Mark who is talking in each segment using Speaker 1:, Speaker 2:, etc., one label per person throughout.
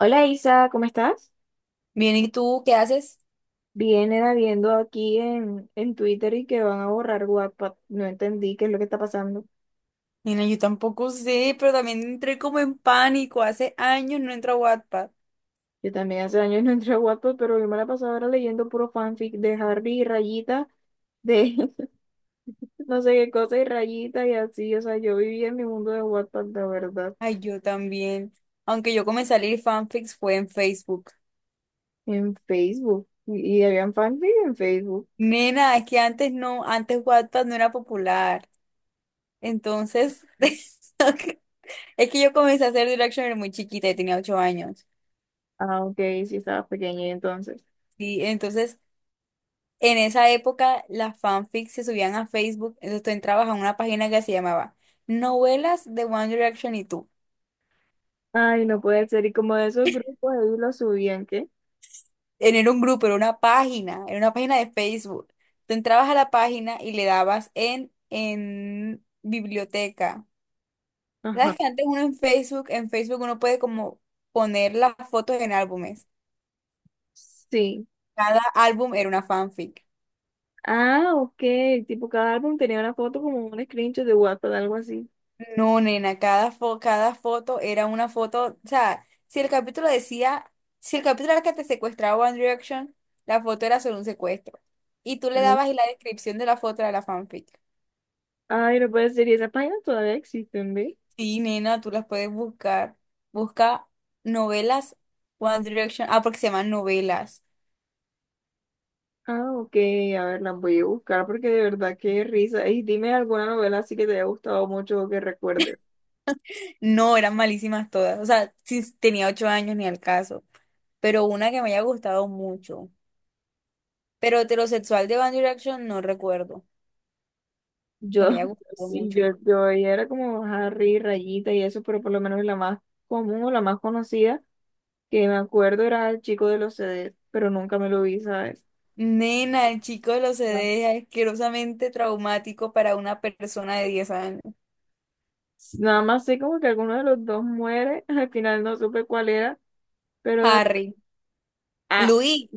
Speaker 1: Hola Isa, ¿cómo estás?
Speaker 2: Bien, ¿y tú qué haces?
Speaker 1: Vienen habiendo aquí en Twitter y que van a borrar Wattpad. No entendí qué es lo que está pasando.
Speaker 2: Mira, yo tampoco sé, pero también entré como en pánico. Hace años no entro a Wattpad.
Speaker 1: Yo también hace años no entré a Wattpad, pero yo me la pasaba ahora leyendo puro fanfic de Harry y Rayita, de no sé qué cosa y Rayita y así. O sea, yo vivía en mi mundo de Wattpad, la verdad,
Speaker 2: Ay, yo también. Aunque yo comencé a leer fanfics fue en Facebook.
Speaker 1: en Facebook. Y habían fanfic en Facebook.
Speaker 2: Nena, es que antes no, antes Wattpad no era popular. Entonces, es que yo comencé a hacer Directioner muy chiquita, yo tenía 8 años.
Speaker 1: Ah, ok, sí estaba pequeña y entonces.
Speaker 2: Sí, entonces, en esa época las fanfics se subían a Facebook, entonces tú entrabas a una página que se llamaba Novelas de One Direction y tú.
Speaker 1: Ay, no puede ser. Y como de esos grupos ahí lo subían, ¿qué?
Speaker 2: Era un grupo, era una página de Facebook. Tú entrabas a la página y le dabas en biblioteca. ¿Sabes
Speaker 1: Ajá.
Speaker 2: que antes uno en Facebook uno puede como poner las fotos en álbumes?
Speaker 1: Sí.
Speaker 2: Cada álbum era una fanfic.
Speaker 1: Ah, ok. Tipo, cada álbum tenía una foto como un screenshot de WhatsApp, algo así.
Speaker 2: No, nena, cada foto era una foto. O sea, si el capítulo decía, si el capítulo era que te secuestraba One Direction, la foto era sobre un secuestro. Y tú le
Speaker 1: Ah.
Speaker 2: dabas y la descripción de la foto era la fanfic.
Speaker 1: Ay, no puede ser. Y esas páginas todavía existen, ¿ve?
Speaker 2: Sí, nena, tú las puedes buscar. Busca novelas One Direction. Ah, porque se llaman novelas.
Speaker 1: Ah, ok. A ver, las voy a buscar porque de verdad qué risa. Y dime alguna novela así que te haya gustado mucho o que recuerdes.
Speaker 2: No, eran malísimas todas. O sea, sí, tenía ocho años ni al caso. Pero una que me haya gustado mucho. Pero heterosexual de One Direction no recuerdo. Que me
Speaker 1: Yo,
Speaker 2: haya gustado
Speaker 1: sí,
Speaker 2: mucho.
Speaker 1: yo era como Harry, Rayita y eso, pero por lo menos la más común o la más conocida que me acuerdo era el chico de los CDs, pero nunca me lo vi, ¿sabes?
Speaker 2: Nena, el chico de los
Speaker 1: Ya.
Speaker 2: CDs es asquerosamente traumático para una persona de 10 años.
Speaker 1: Nada más sé como que alguno de los dos muere, al final no supe cuál era. Pero,
Speaker 2: Harry.
Speaker 1: ah,
Speaker 2: Luis.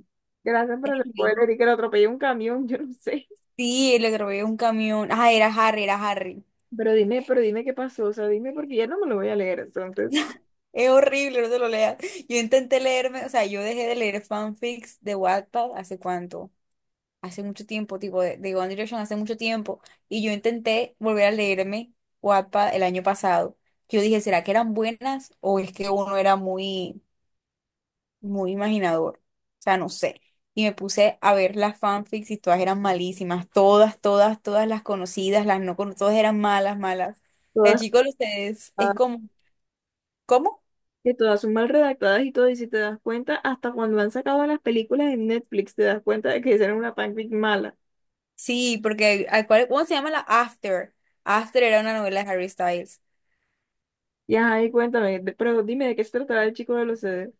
Speaker 1: gracias por el
Speaker 2: Henry.
Speaker 1: spoiler y que lo atropelló un camión, yo no sé.
Speaker 2: Sí, el atropelló un camión. Ah, era Harry, era Harry.
Speaker 1: Pero dime qué pasó, o sea, dime porque ya no me lo voy a leer, entonces.
Speaker 2: Es horrible, no te lo leas. Yo intenté leerme, o sea, yo dejé de leer fanfics de Wattpad hace cuánto, hace mucho tiempo, tipo de One Direction hace mucho tiempo, y yo intenté volver a leerme Wattpad el año pasado. Yo dije, ¿será que eran buenas o es que uno era muy, muy imaginador? O sea, no sé. Y me puse a ver las fanfics y todas eran malísimas, todas, todas, todas las conocidas, las no conocidas, todas eran malas, malas. El
Speaker 1: Todas,
Speaker 2: chico de ustedes es
Speaker 1: ah,
Speaker 2: como, ¿cómo?
Speaker 1: que todas son mal redactadas y todo, y si te das cuenta, hasta cuando han sacado las películas en Netflix, te das cuenta de que hicieron una fanfic mala.
Speaker 2: Sí, porque ¿cómo se llama la After? After era una novela de Harry Styles.
Speaker 1: Y ajá, y cuéntame, pero dime de qué se tratará el chico de los CDs.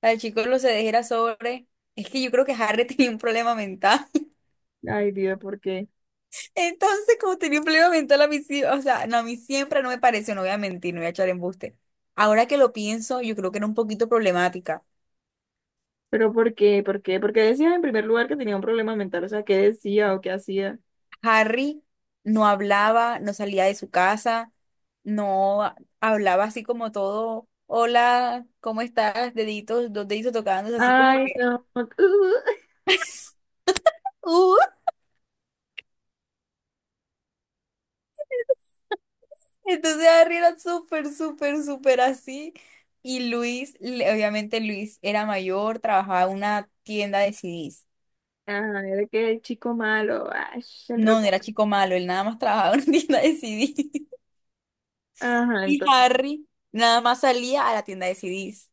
Speaker 2: La chico lo se dejera sobre. Es que yo creo que Harry tenía un problema mental.
Speaker 1: Ay, Dios, ¿por qué?
Speaker 2: Entonces, como tenía un problema mental a mí sí, o sea, no, a mí siempre no me pareció, no voy a mentir, no voy a echar embuste. Ahora que lo pienso, yo creo que era un poquito problemática.
Speaker 1: ¿Pero por qué? ¿Por qué? Porque decías en primer lugar que tenía un problema mental, o sea, ¿qué decía o qué hacía?
Speaker 2: Harry no hablaba, no salía de su casa, no hablaba así como todo, hola, ¿cómo estás? Deditos, dos deditos tocándose, así como
Speaker 1: Ay,
Speaker 2: que
Speaker 1: no.
Speaker 2: ¡uh! Entonces Harry era súper, súper, súper así. Y Luis, obviamente Luis era mayor, trabajaba en una tienda de CDs.
Speaker 1: Ajá, era que el chico malo, ay, el
Speaker 2: No, no era chico malo, él nada más trabajaba en una tienda de CDs.
Speaker 1: ajá,
Speaker 2: Y
Speaker 1: entonces,
Speaker 2: Harry nada más salía a la tienda de CDs.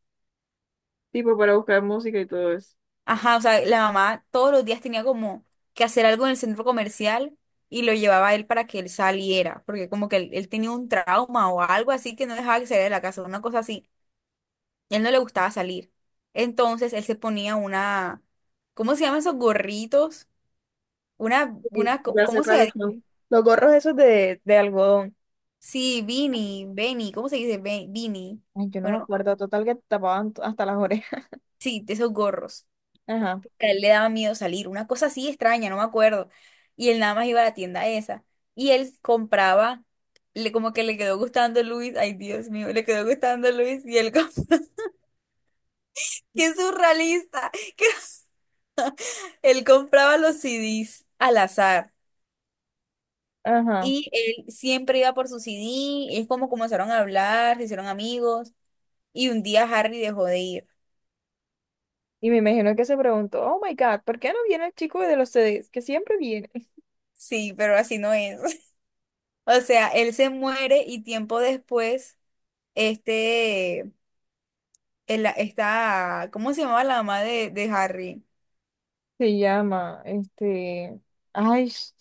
Speaker 1: tipo para buscar música y todo eso.
Speaker 2: Ajá, o sea, la mamá todos los días tenía como que hacer algo en el centro comercial y lo llevaba a él para que él saliera, porque como que él tenía un trauma o algo así que no dejaba que saliera de la casa, una cosa así. Él no le gustaba salir. Entonces él se ponía una, ¿cómo se llaman esos gorritos?
Speaker 1: Sí. Ya sé
Speaker 2: ¿Cómo se
Speaker 1: cuáles
Speaker 2: dice?
Speaker 1: son. Los gorros esos de algodón.
Speaker 2: Sí, beanie, ¿cómo se dice? Beanie.
Speaker 1: Ay, yo no me
Speaker 2: Bueno,
Speaker 1: acuerdo, total que tapaban hasta las orejas.
Speaker 2: sí, de esos gorros.
Speaker 1: Ajá,
Speaker 2: A él le daba miedo salir, una cosa así extraña, no me acuerdo. Y él nada más iba a la tienda esa. Y él compraba, como que le quedó gustando Luis, ay Dios mío, le quedó gustando Luis y qué surrealista, que él compraba los CDs al azar.
Speaker 1: ajá.
Speaker 2: Y él siempre iba por su CD, es como comenzaron a hablar, se hicieron amigos, y un día Harry dejó de ir.
Speaker 1: Y me imagino que se preguntó, oh my God, ¿por qué no viene el chico de los CDs? Que siempre viene.
Speaker 2: Sí, pero así no es. O sea, él se muere y tiempo después, este, esta, ¿cómo se llamaba la mamá de Harry?
Speaker 1: Se llama, este, ay,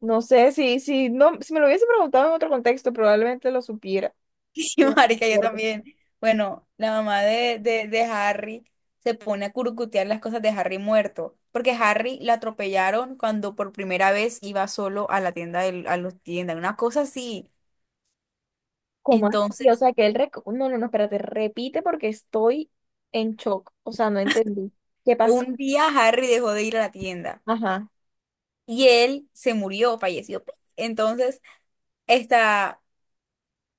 Speaker 1: no sé, si me lo hubiese preguntado en otro contexto, probablemente lo supiera.
Speaker 2: Sí, Marica, yo también. Bueno, la mamá de Harry se pone a curucutear las cosas de Harry muerto, porque Harry la atropellaron cuando por primera vez iba solo a la tienda, a los tiendas, una cosa así.
Speaker 1: ¿Cómo así? O
Speaker 2: Entonces,
Speaker 1: sea, que él... No, no, no, espérate, repite porque estoy en shock. O sea, no entendí. ¿Qué pasó?
Speaker 2: un día Harry dejó de ir a la tienda
Speaker 1: Ajá.
Speaker 2: y él se murió, falleció. Entonces, esta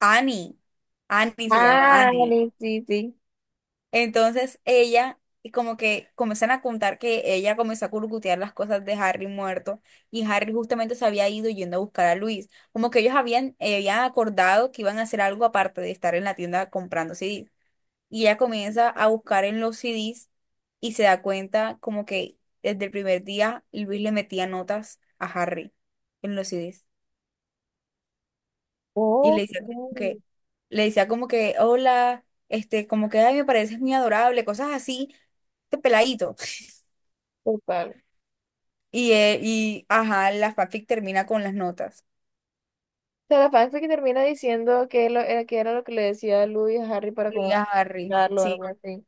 Speaker 2: Annie, Annie se llama
Speaker 1: Ah,
Speaker 2: Annie.
Speaker 1: dale, sí, sí.
Speaker 2: Entonces, ella y como que comienzan a contar que ella comenzó a curcutear las cosas de Harry muerto y Harry justamente se había ido yendo a buscar a Luis. Como que ellos habían acordado que iban a hacer algo aparte de estar en la tienda comprando CDs. Y ella comienza a buscar en los CDs y se da cuenta como que desde el primer día Luis le metía notas a Harry en los CDs. Y
Speaker 1: Oh,
Speaker 2: le decía como
Speaker 1: oh,
Speaker 2: que, le decía como que, hola, este, como que, ay, me pareces muy adorable, cosas así, este peladito.
Speaker 1: total. O
Speaker 2: Y ajá, la fanfic termina con las notas.
Speaker 1: sea, la fanfic que termina diciendo que, lo, era, que era lo que le decía Louis a Harry para
Speaker 2: Y
Speaker 1: como
Speaker 2: a Harry,
Speaker 1: explicarlo o algo
Speaker 2: sí,
Speaker 1: así.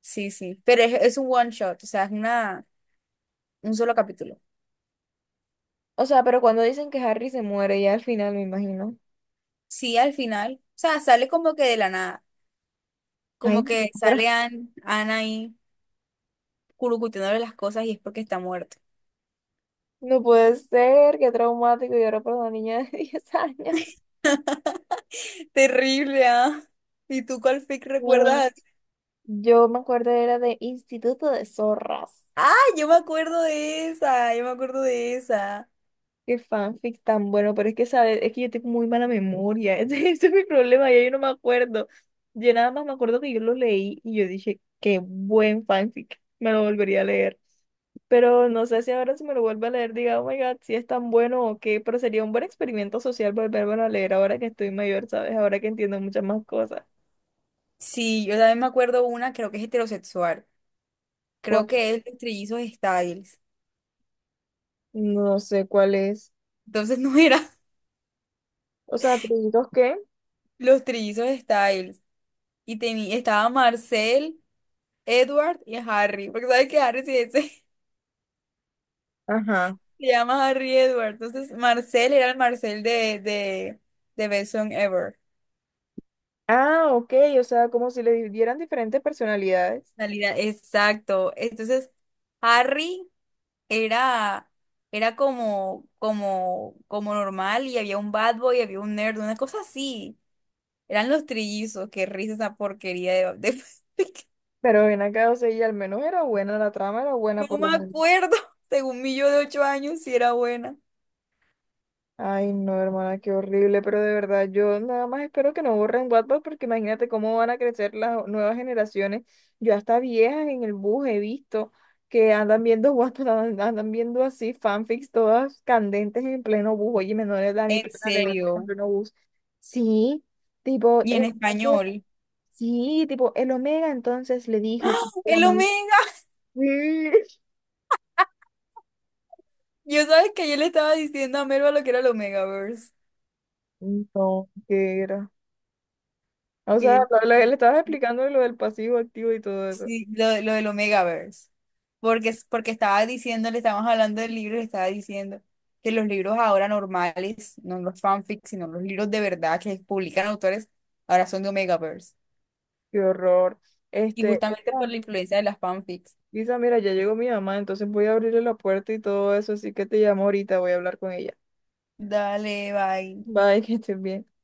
Speaker 2: sí, sí. Pero es un one shot, o sea, un solo capítulo.
Speaker 1: O sea, pero cuando dicen que Harry se muere ya al final, me imagino.
Speaker 2: Sí, al final, o sea, sale como que de la nada.
Speaker 1: Ay,
Speaker 2: Como
Speaker 1: no,
Speaker 2: que
Speaker 1: pero
Speaker 2: sale Anne Ana ahí curucuteándole las cosas y es porque está muerto.
Speaker 1: no puede ser, qué traumático. Y ahora por una niña de 10 años.
Speaker 2: Terrible, ¿ah? ¿Y tú cuál fic
Speaker 1: No.
Speaker 2: recuerdas? Así?
Speaker 1: Yo me acuerdo era de Instituto de Zorras.
Speaker 2: Ah, yo me acuerdo de esa, yo me acuerdo de esa.
Speaker 1: Qué fanfic tan bueno, pero es que, ¿sabes? Es que yo tengo muy mala memoria. Ese es mi problema, ya yo no me acuerdo. Yo nada más me acuerdo que yo lo leí y yo dije, qué buen fanfic, me lo volvería a leer. Pero no sé si ahora si me lo vuelvo a leer, diga, oh my God, si es tan bueno o qué, pero sería un buen experimento social volvérmelo a leer ahora que estoy mayor, ¿sabes? Ahora que entiendo muchas más cosas.
Speaker 2: Sí, yo también me acuerdo una, creo que es heterosexual.
Speaker 1: ¿Cuál?
Speaker 2: Creo que es los trillizos Styles.
Speaker 1: No sé cuál es.
Speaker 2: Entonces no era
Speaker 1: O sea, atributos que.
Speaker 2: los trillizos Styles. Y tenía, estaba Marcel, Edward y Harry. Porque sabes que Harry sí, ese,
Speaker 1: Ajá.
Speaker 2: se llama Harry Edward. Entonces Marcel era el Marcel de Best Song Ever.
Speaker 1: Ah, ok, o sea, como si le dieran diferentes personalidades.
Speaker 2: Salida, exacto. Entonces, Harry era, era como normal y había un bad boy, había un nerd, una cosa así. Eran los trillizos, qué risa esa porquería
Speaker 1: Pero ven acá, o sea, y al menos era buena la trama, era buena
Speaker 2: No
Speaker 1: por lo
Speaker 2: me
Speaker 1: menos.
Speaker 2: acuerdo, según mi yo de 8 años, si era buena.
Speaker 1: Ay, no, hermana, qué horrible, pero de verdad, yo nada más espero que no borren WhatsApp porque imagínate cómo van a crecer las nuevas generaciones. Yo hasta viejas en el bus he visto que andan viendo WhatsApp, andan viendo así fanfics todas candentes en pleno bus. Oye, menores de edad ni
Speaker 2: En
Speaker 1: plena leer en
Speaker 2: serio.
Speaker 1: pleno bus. Sí, tipo,
Speaker 2: Y en
Speaker 1: el-
Speaker 2: español.
Speaker 1: sí, tipo, el Omega entonces le dijo
Speaker 2: ¡Ah!
Speaker 1: que era
Speaker 2: ¡El
Speaker 1: muy...
Speaker 2: Omega! Yo sabes que yo le estaba diciendo a Merva lo que era el Omegaverse.
Speaker 1: Sí. No, que era. O sea, lo que le estabas explicando de lo del pasivo activo y todo eso.
Speaker 2: Sí, lo del Omegaverse. Porque, es porque estaba diciendo, le estábamos hablando del libro y le estaba diciendo que los libros ahora normales, no los fanfics, sino los libros de verdad que publican autores, ahora son de Omegaverse.
Speaker 1: Qué horror.
Speaker 2: Y
Speaker 1: Este,
Speaker 2: justamente por
Speaker 1: Isa,
Speaker 2: la influencia de las fanfics.
Speaker 1: Isa, mira, ya llegó mi mamá, entonces voy a abrirle la puerta y todo eso, así que te llamo ahorita, voy a hablar con ella.
Speaker 2: Dale, bye.
Speaker 1: Bye, que estés bien.